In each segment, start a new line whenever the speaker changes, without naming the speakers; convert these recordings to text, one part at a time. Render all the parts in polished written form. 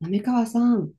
滑川さん、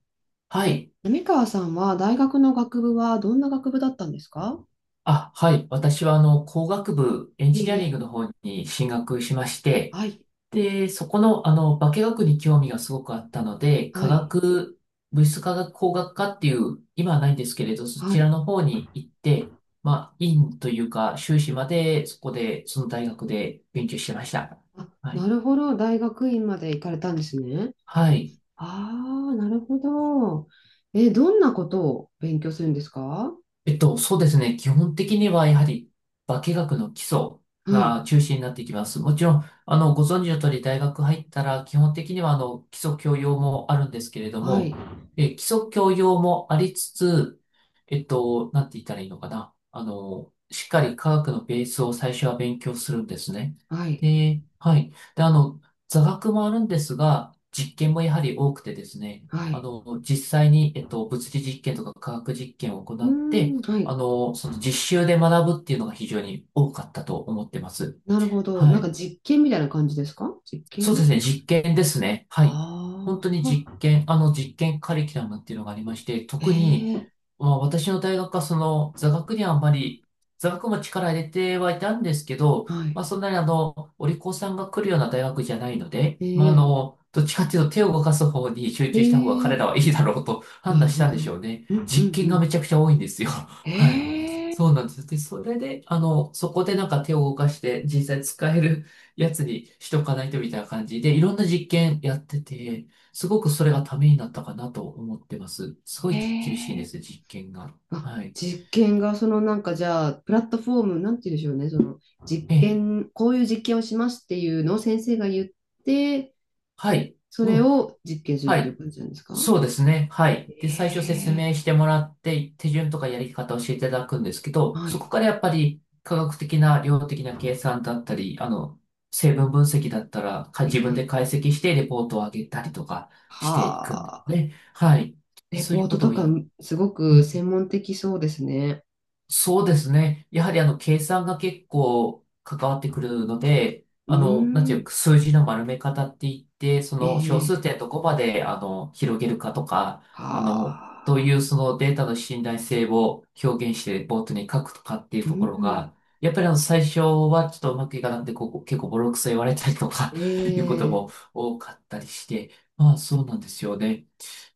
はい。
滑川さんは大学の学部はどんな学部だったんですか？
はい。私は、工学部、エン
え
ジニアリン
え、
グの方に進学しまして、
はい、
で、そこの、化学に興味がすごくあったので、化
はい、
学、物質化学工学科っていう、今はないんですけれど、そ
は
ちら
い。
の方に行って、まあ、院というか、修士まで、そこで、その大学で勉強してました。
あ、
は
な
い。
るほど、大学院まで行かれたんですね。
はい。
ああ、なるほど。え、どんなことを勉強するんですか？は
そうですね。基本的にはやはり化学の基礎
い、
が中心になってきます。もちろん、ご存知の通り大学入ったら基本的には基礎教養もあるんですけれど
はい、
も、基礎教養もありつつ、なんて言ったらいいのかな。しっかり科学のベースを最初は勉強するんですね。
はい、
で、はい。で、座学もあるんですが、実験もやはり多くてですね、
はい。
実際に、物理実験とか科学実験を行
うー
って、
ん、はい。
その実習で学ぶっていうのが非常に多かったと思ってます。
なるほど。
は
なんか
い。
実験みたいな感じですか？実
そう
験。
ですね、実験ですね。はい。本当
あ
に実
あ
験、あの実験カリキュラムっていうのがありまして、
ー、
特に、
ええ、
まあ、私の大学はその座学にはあんまり、座学も力入れてはいたんですけど、
はい。
まあ、そんなにお利口さんが来るような大学じゃないので、
え
まあ、
え、
どっちかっていうと手を動かす方に集
え
中した方が彼
え、
らはいいだろうと 判
な
断
る
し
ほ
たんでしょ
ど。
うね。
うん、うん、
実
う
験がめ
ん。
ちゃくちゃ多いんですよ。はい。
ええ。
そうなんです。で、それで、そこでなんか手を動かして実際使えるやつにしとかないとみたいな感じで、いろんな実験やってて、すごくそれがためになったかなと思ってます。すご
え
い厳しいんで
え。
す、実験が。
あ、
はい。
実験が、そのなんかじゃあ、プラットフォーム、なんて言うんでしょうね、その実
ええ。
験、こういう実験をしますっていうのを先生が言って、
はい。
それ
もう、
を実験するっ
は
ていう
い。
感じなんですか？
そうですね。は
え
い。で、最初説
え。
明してもらって、手順とかやり方を教えていただくんですけど、
は
そ
い。
こからやっぱり科学的な量的な計算だったり、成分分析だったら、か
え
自分で
え。
解析してレポートを上げたりとかしていくんです
はあ、
ね。はい。で
レ
そうい
ポー
うこ
ト
と
と
を
か、
やって、
すごく専門的そうですね。
そうですね。やはり計算が結構関わってくるので、
うー
なんていう
ん、
か、数字の丸め方って言って、その小数
ええ。
点どこまで、広げるかとか、どう
は
い
あ、
うそのデータの信頼性を表現してボートに書くとかっていう
う
ところ
ん、
が、やっぱり最初はちょっとうまくいかなくて、ここ結構ボロクソ言われたりとか
え
いうことも
え。
多かったりして、まあそうなんですよね。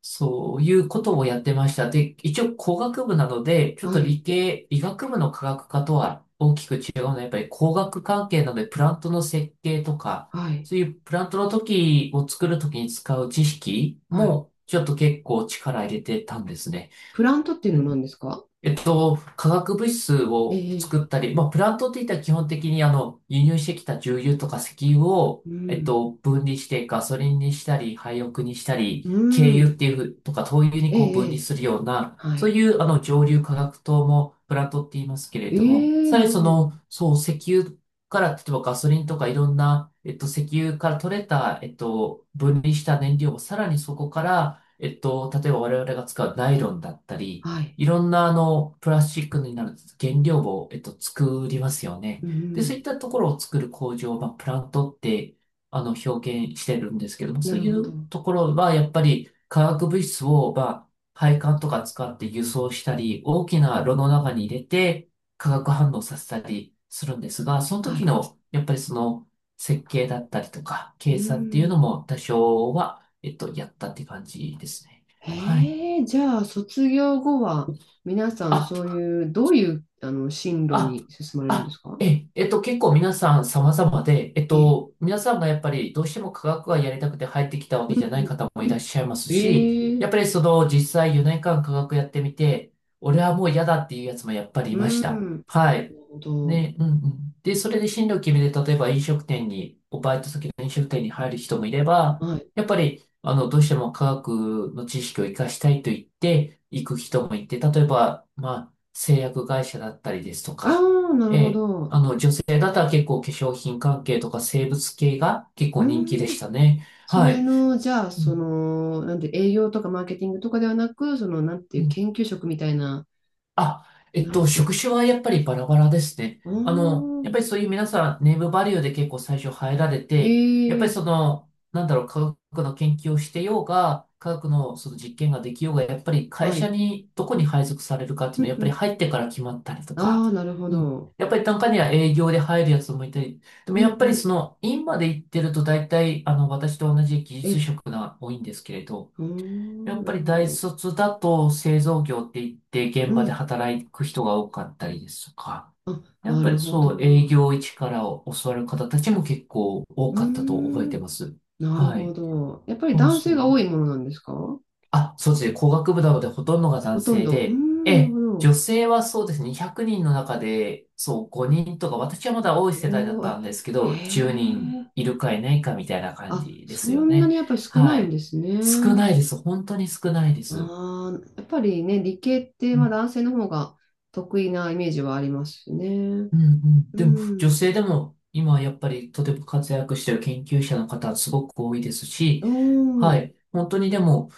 そういうことをやってました。で、一応工学部なので、ちょっ
は
と理
い、
系、医学部の科学科とは大きく違うのは、やっぱり工学関係なので、プラントの設計とか、
はい、
そういうプラントの時を作る時に使う知識
はい。
も、ちょっと結構力入れてたんですね。
プラントっていうのは何ですか？
化学物質を
え
作
え。
ったり、まあ、プラントっていったら基本的に輸入してきた重油とか石油を、
うん。
分離してガソリンにしたり、廃屋にしたり、
う
軽油っ
ん。
ていうふうとか、灯油に
え
こう
え、
分
え
離
え。
するような、
は
そう
い。
いう蒸留化学灯もプラントって言いますけれども、
ええ、
さら
な
に
る
そ
ほど。
の、そう、石油から、例えばガソリンとかいろんな、石油から取れた、分離した燃料をさらにそこから、例えば我々が使うナイロンだったり、
はい。
いろんなプラスチックになる原料を、作りますよ
う
ね。で、そういっ
ん。
たところを作る工場、まあ、プラントって、表現してるんですけども、そ
な
う
る
い
ほど。
うところは、やっぱり化学物質を、まあ、配管とか使って輸送したり、大きな炉の中に入れて、化学反応させたりするんですが、その
は
時
い。
の、やっぱりその、設計だったりとか、
う
計算っていうの
ん。
も多少は、やったって感じですね。はい。
ええ、じゃあ、卒業後は、皆さん、
あ、
そういう、どういう、進路
あ、
に進まれるんですか？
結構皆さん様々で、
ええ。
皆さんがやっぱりどうしても科学がやりたくて入ってきたわ
う
けじゃ
ん、
ない
うん、
方もい
う
らっ
ん。
しゃいますし、
え
や
え、
っぱりその実際4年間科学やってみて、俺はもう嫌だっていうやつもやっぱりい
う
ました。
ん。な
はい。
るほど。
ね、うんうん。で、それで進路を決めて、例えば飲食店に、おバイト先の飲食店に入る人もいれば、
はい。
やっぱり、どうしても科学の知識を活かしたいと言って、行く人もいて、例えば、まあ、製薬会社だったりですと
あ
か、
あ、なる
え
ほ
え、
ど。
女性だったら結構化粧品関係とか生物系が結構
う
人気でし
ん。
たね。
そ
は
れ
い。
の、じゃあ、
う
そ
ん
の、なんて、営業とかマーケティングとかではなく、その、なんていう、研究職みたいな、
あ、
なんていう
職種はやっぱりバラバラですね。
の。
やっ
あ
ぱり
あ、
そういう皆さん、ネームバリューで結構最初入られ
え
て、やっぱりそ
え。
の、なんだろう、科学の研究をしてようが、科学のその実験ができようが、やっぱり会
は
社
い。
にどこに配属されるかっていう
う
のは、
ん
やっ
う
ぱり
ん。
入ってから決まったりとか、
ああ、なるほ
うん。
ど。
やっぱり中には営業で入るやつもいたり、でも
う
や
ん
っ
う
ぱ
ん。
りその、院まで行ってると大体、私と同じ技
え
術
え。
職が多いんですけれど、
ああ、
やっ
な
ぱ
る
り
ほ
大
ど。
卒だと製造業って言って現
う
場で
ん。
働く人が多かったりですとか、
あ、
やっ
な
ぱ
る
り
ほど。
そう営
う
業一から教わる方たちも結構多
ー
かったと覚えて
ん。
ます。
なる
は
ほ
い。
ど。やっぱり
そう
男性
そう。
が多いものなんですか？
そうですね。工学部なのでほとんどが
ほ
男
とん
性
ど。うー
で、
ん、
え
なる
え、
ほ
女
ど。
性はそうですね。100人の中で、そう、5人とか、私はまだ多い世代だ
お
っ
お、え、
たんですけ
へ
ど、10人
え。
いるかいないかみたいな感
あ、
じで
そ
すよ
んなに
ね。
やっぱり少な
は
いんで
い。
す
少
ね。
ないです。本当に少ないです。
ああ、やっぱりね、理系ってまあ男性の方が得意なイメージはありますね。
うんうん。
う
でも、女
ん。
性でも、今はやっぱりとても活躍してる研究者の方はすごく多いです
うー
し、は
ん、
い。本当にでも、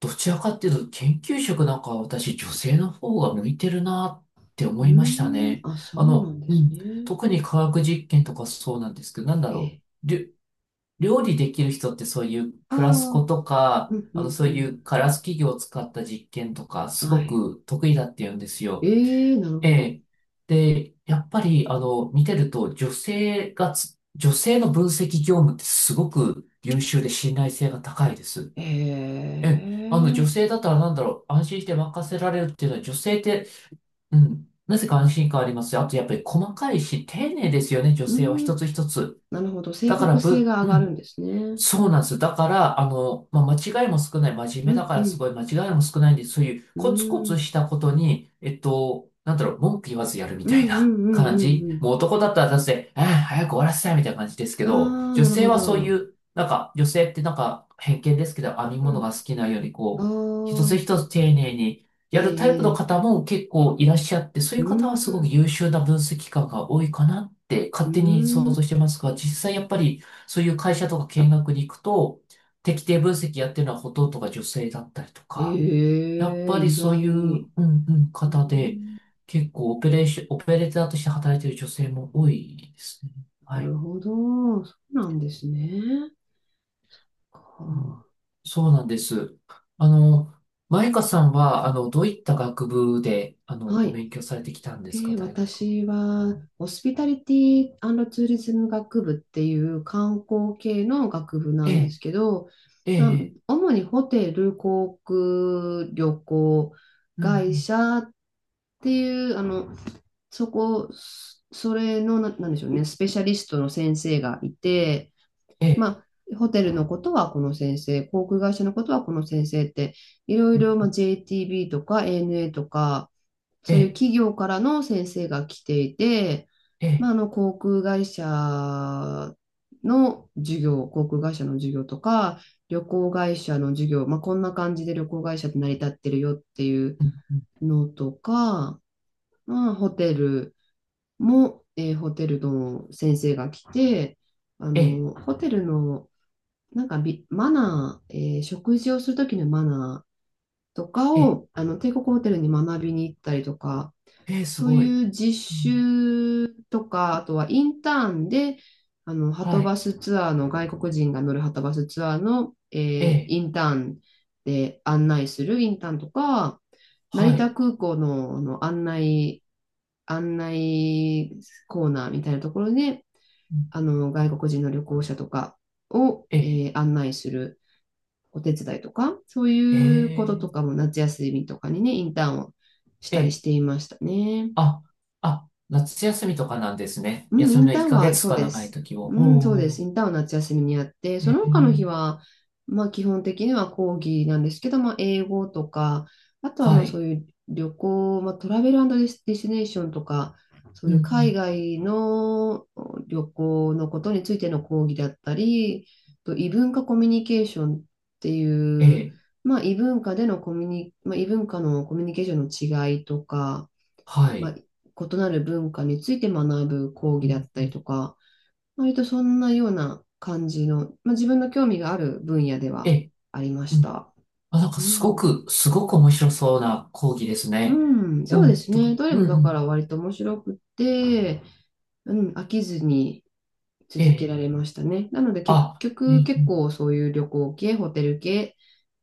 どちらかっていうと、研究職なんかは私、女性の方が向いてるなって
う
思
ー
いました
ん、
ね。
あ、そうなんで
う
す
ん。
ね。
特に科学実験とかそうなんですけど、なんだ
え
ろ
え。
う。料理できる人ってそういう
あ
フラスコ
あ、
と
う
か、
ん、うん、
そ
う
うい
ん。
うガラス器具を使った実験とか、す
は
ご
い。
く得意だって言うんですよ。
ええ、なる
え
ほど。
え。で、やっぱり、見てると、女性の分析業務ってすごく優秀で信頼性が高いです。
え
ええ、女
え、
性だったらなんだろう、安心して任せられるっていうのは、女性って、うん、なぜか安心感ありますよ。あと、やっぱり細かいし、丁寧ですよね、女
う
性は一
ん、
つ一つ。
なるほど。正
だから、
確性
ぶ、
が上
う
がるん
ん、
ですね。
そうなんですよ。だから、まあ、間違いも少ない、真面
う
目だ
ん、
か
う
らす
ん、
ごい間違いも少ないんで、そういう
う
コツコツ
ん、
したことに、なんだろう、文句言わずやるみ
うん、
た
う
い
ん、
な
うん、
感
うん。
じ。
うん。
もう男だったらだって、ああ、早く終わらせたいみたいな感じですけ
あ
ど、
あ、
女
なる
性
ほ
はそうい
ど。
う、なんか、女性ってなんか偏見ですけど、編み
う
物が好きなように、こう、一つ
ん。
一つ
ああ、
丁寧に
え
やるタイプの
え、
方も結構いらっしゃって、そう
う
いう方はすごく
ん、
優秀な分析官が多いかなって
う
勝手に想
ん。
像してますが、実際やっぱり、そういう会社とか見学に行くと、適定分析やってるのはほとんどが女性だったりと
え
か、やっぱ
え、
り
意
そういう、う
外。
んうん、
う
方で、
ん。
結構オペレーション、オペレーターとして働いてる女性も多いですね。
な
は
る
い。
ほど。そうなんですね。
うん、
は
そうなんです。あの、マイカさんは、どういった学部で、
あー、は
お
い。
勉強されてきたんですか、
で、
大学は。
私は、ホスピタリティツーリズム学部っていう観光系の学部な
え
んです
え、
けど、
え
まあ、
え、
主にホテル、航空、旅行、
ええうんう
会
ん、
社っていう、そこ、そそれの、な、なんでしょうね、スペシャリストの先生がいて、
え
ま
え、
あ、ホテルのことはこの先生、航空会社のことはこの先生って、いろい
うん
ろ、ま
う
あ、
ん
JTB とか ANA とか、
え
そういう
え、
企業からの先生が来ていて、
え
まあ、
え、
航空会社の授業とか、旅行会社の授業、まあ、こんな感じで旅行会社って成り立ってるよっていう
うんうん
のとか、まあ、ホテルも、えーホテルの先生が来て、あ
ええ、
のホテルのなんかビマナー、えー食事をするときのマナーとか
ええ、
をあの帝国ホテルに学びに行ったりとか、
ええす
そう
ごい。
いう実
うん、
習とか、あとはインターンで、あの、は
は
と
い。
バスツアーの、外国人が乗るはとバスツアーの、え
え
ー
え、
インターンで案内するインターンとか、成
は
田
い。
空港の、案内コーナーみたいなところで、
う
あ
ん
の、外国人の旅行者とかを、
ええ、
えー案内するお手伝いとか、そうい
え
うことと
え、
かも夏休みとかにね、インターンをし
え
たりし
え、
ていましたね。
あ、夏休みとかなんですね。
うん、
休
イ
み
ン
の
ター
1
ン
ヶ
は
月
そう
とか
で
長い
す。
時を。
うん、そうで
お
す。イ
お、
ンターンは夏休みにやって、
え
その他の日
え、
は、まあ基本的には講義なんですけど、まあ英語とか、あとは
は
まあそう
い。
いう旅行、まあトラベルディスディスティネーションとか、そ
う
う
ん
い
う
う海
ん、
外の旅行のことについての講義だったり、と異文化コミュニケーションってい
え
う、
え、
まあ異文化でのコミュニ、まあ異文化のコミュニケーションの違いとか、
は
まあ、
い。
異なる文化について学ぶ講
う
義だっ
ん、
たりとか、割とそんなような感じの、まあ、自分の興味がある分野で
え
は
え、
ありま
う
し
ん。
た。
あ、なん
う
かすご
ん、
く、すごく面白そうな講義ですね。
うん、
う
そうで
ん、
す
とか、
ね。どれ
うん
もだ
う
から
ん、
割と面白くて、うん、飽きずに
え
続けら
え、
れましたね。なので結
あ、うん
局
う
結
ん、
構そういう旅行系、ホテル系、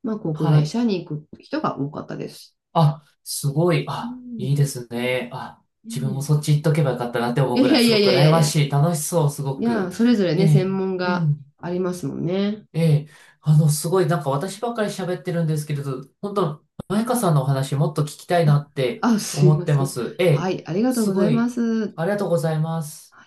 まあ、航空
は
会
い。
社に行く人が多かったです。
あ、すごい。
う
あ、いいで
ん、
すね。あ、自分もそっ
ね
ち行っとけばよかったなって思う
え。
ぐ
い
ら
や
い、
い
す
やい
ごく
やいや
羨
いや
ま
いや、
しい。楽しそう、すご
いや、
く。
それぞれ
え
ね、
え、
専門
う
が
ん。
ありますもんね。
ええ、すごい、なんか私ばっかり喋ってるんですけれど、本当、マイカさんのお話もっと聞きたいなって
あ、すい
思っ
ま
て
せ
ま
ん。
す。え
は
え、
い、ありがとう
す
ござ
ご
いま
い。
す。
ありがとうございます。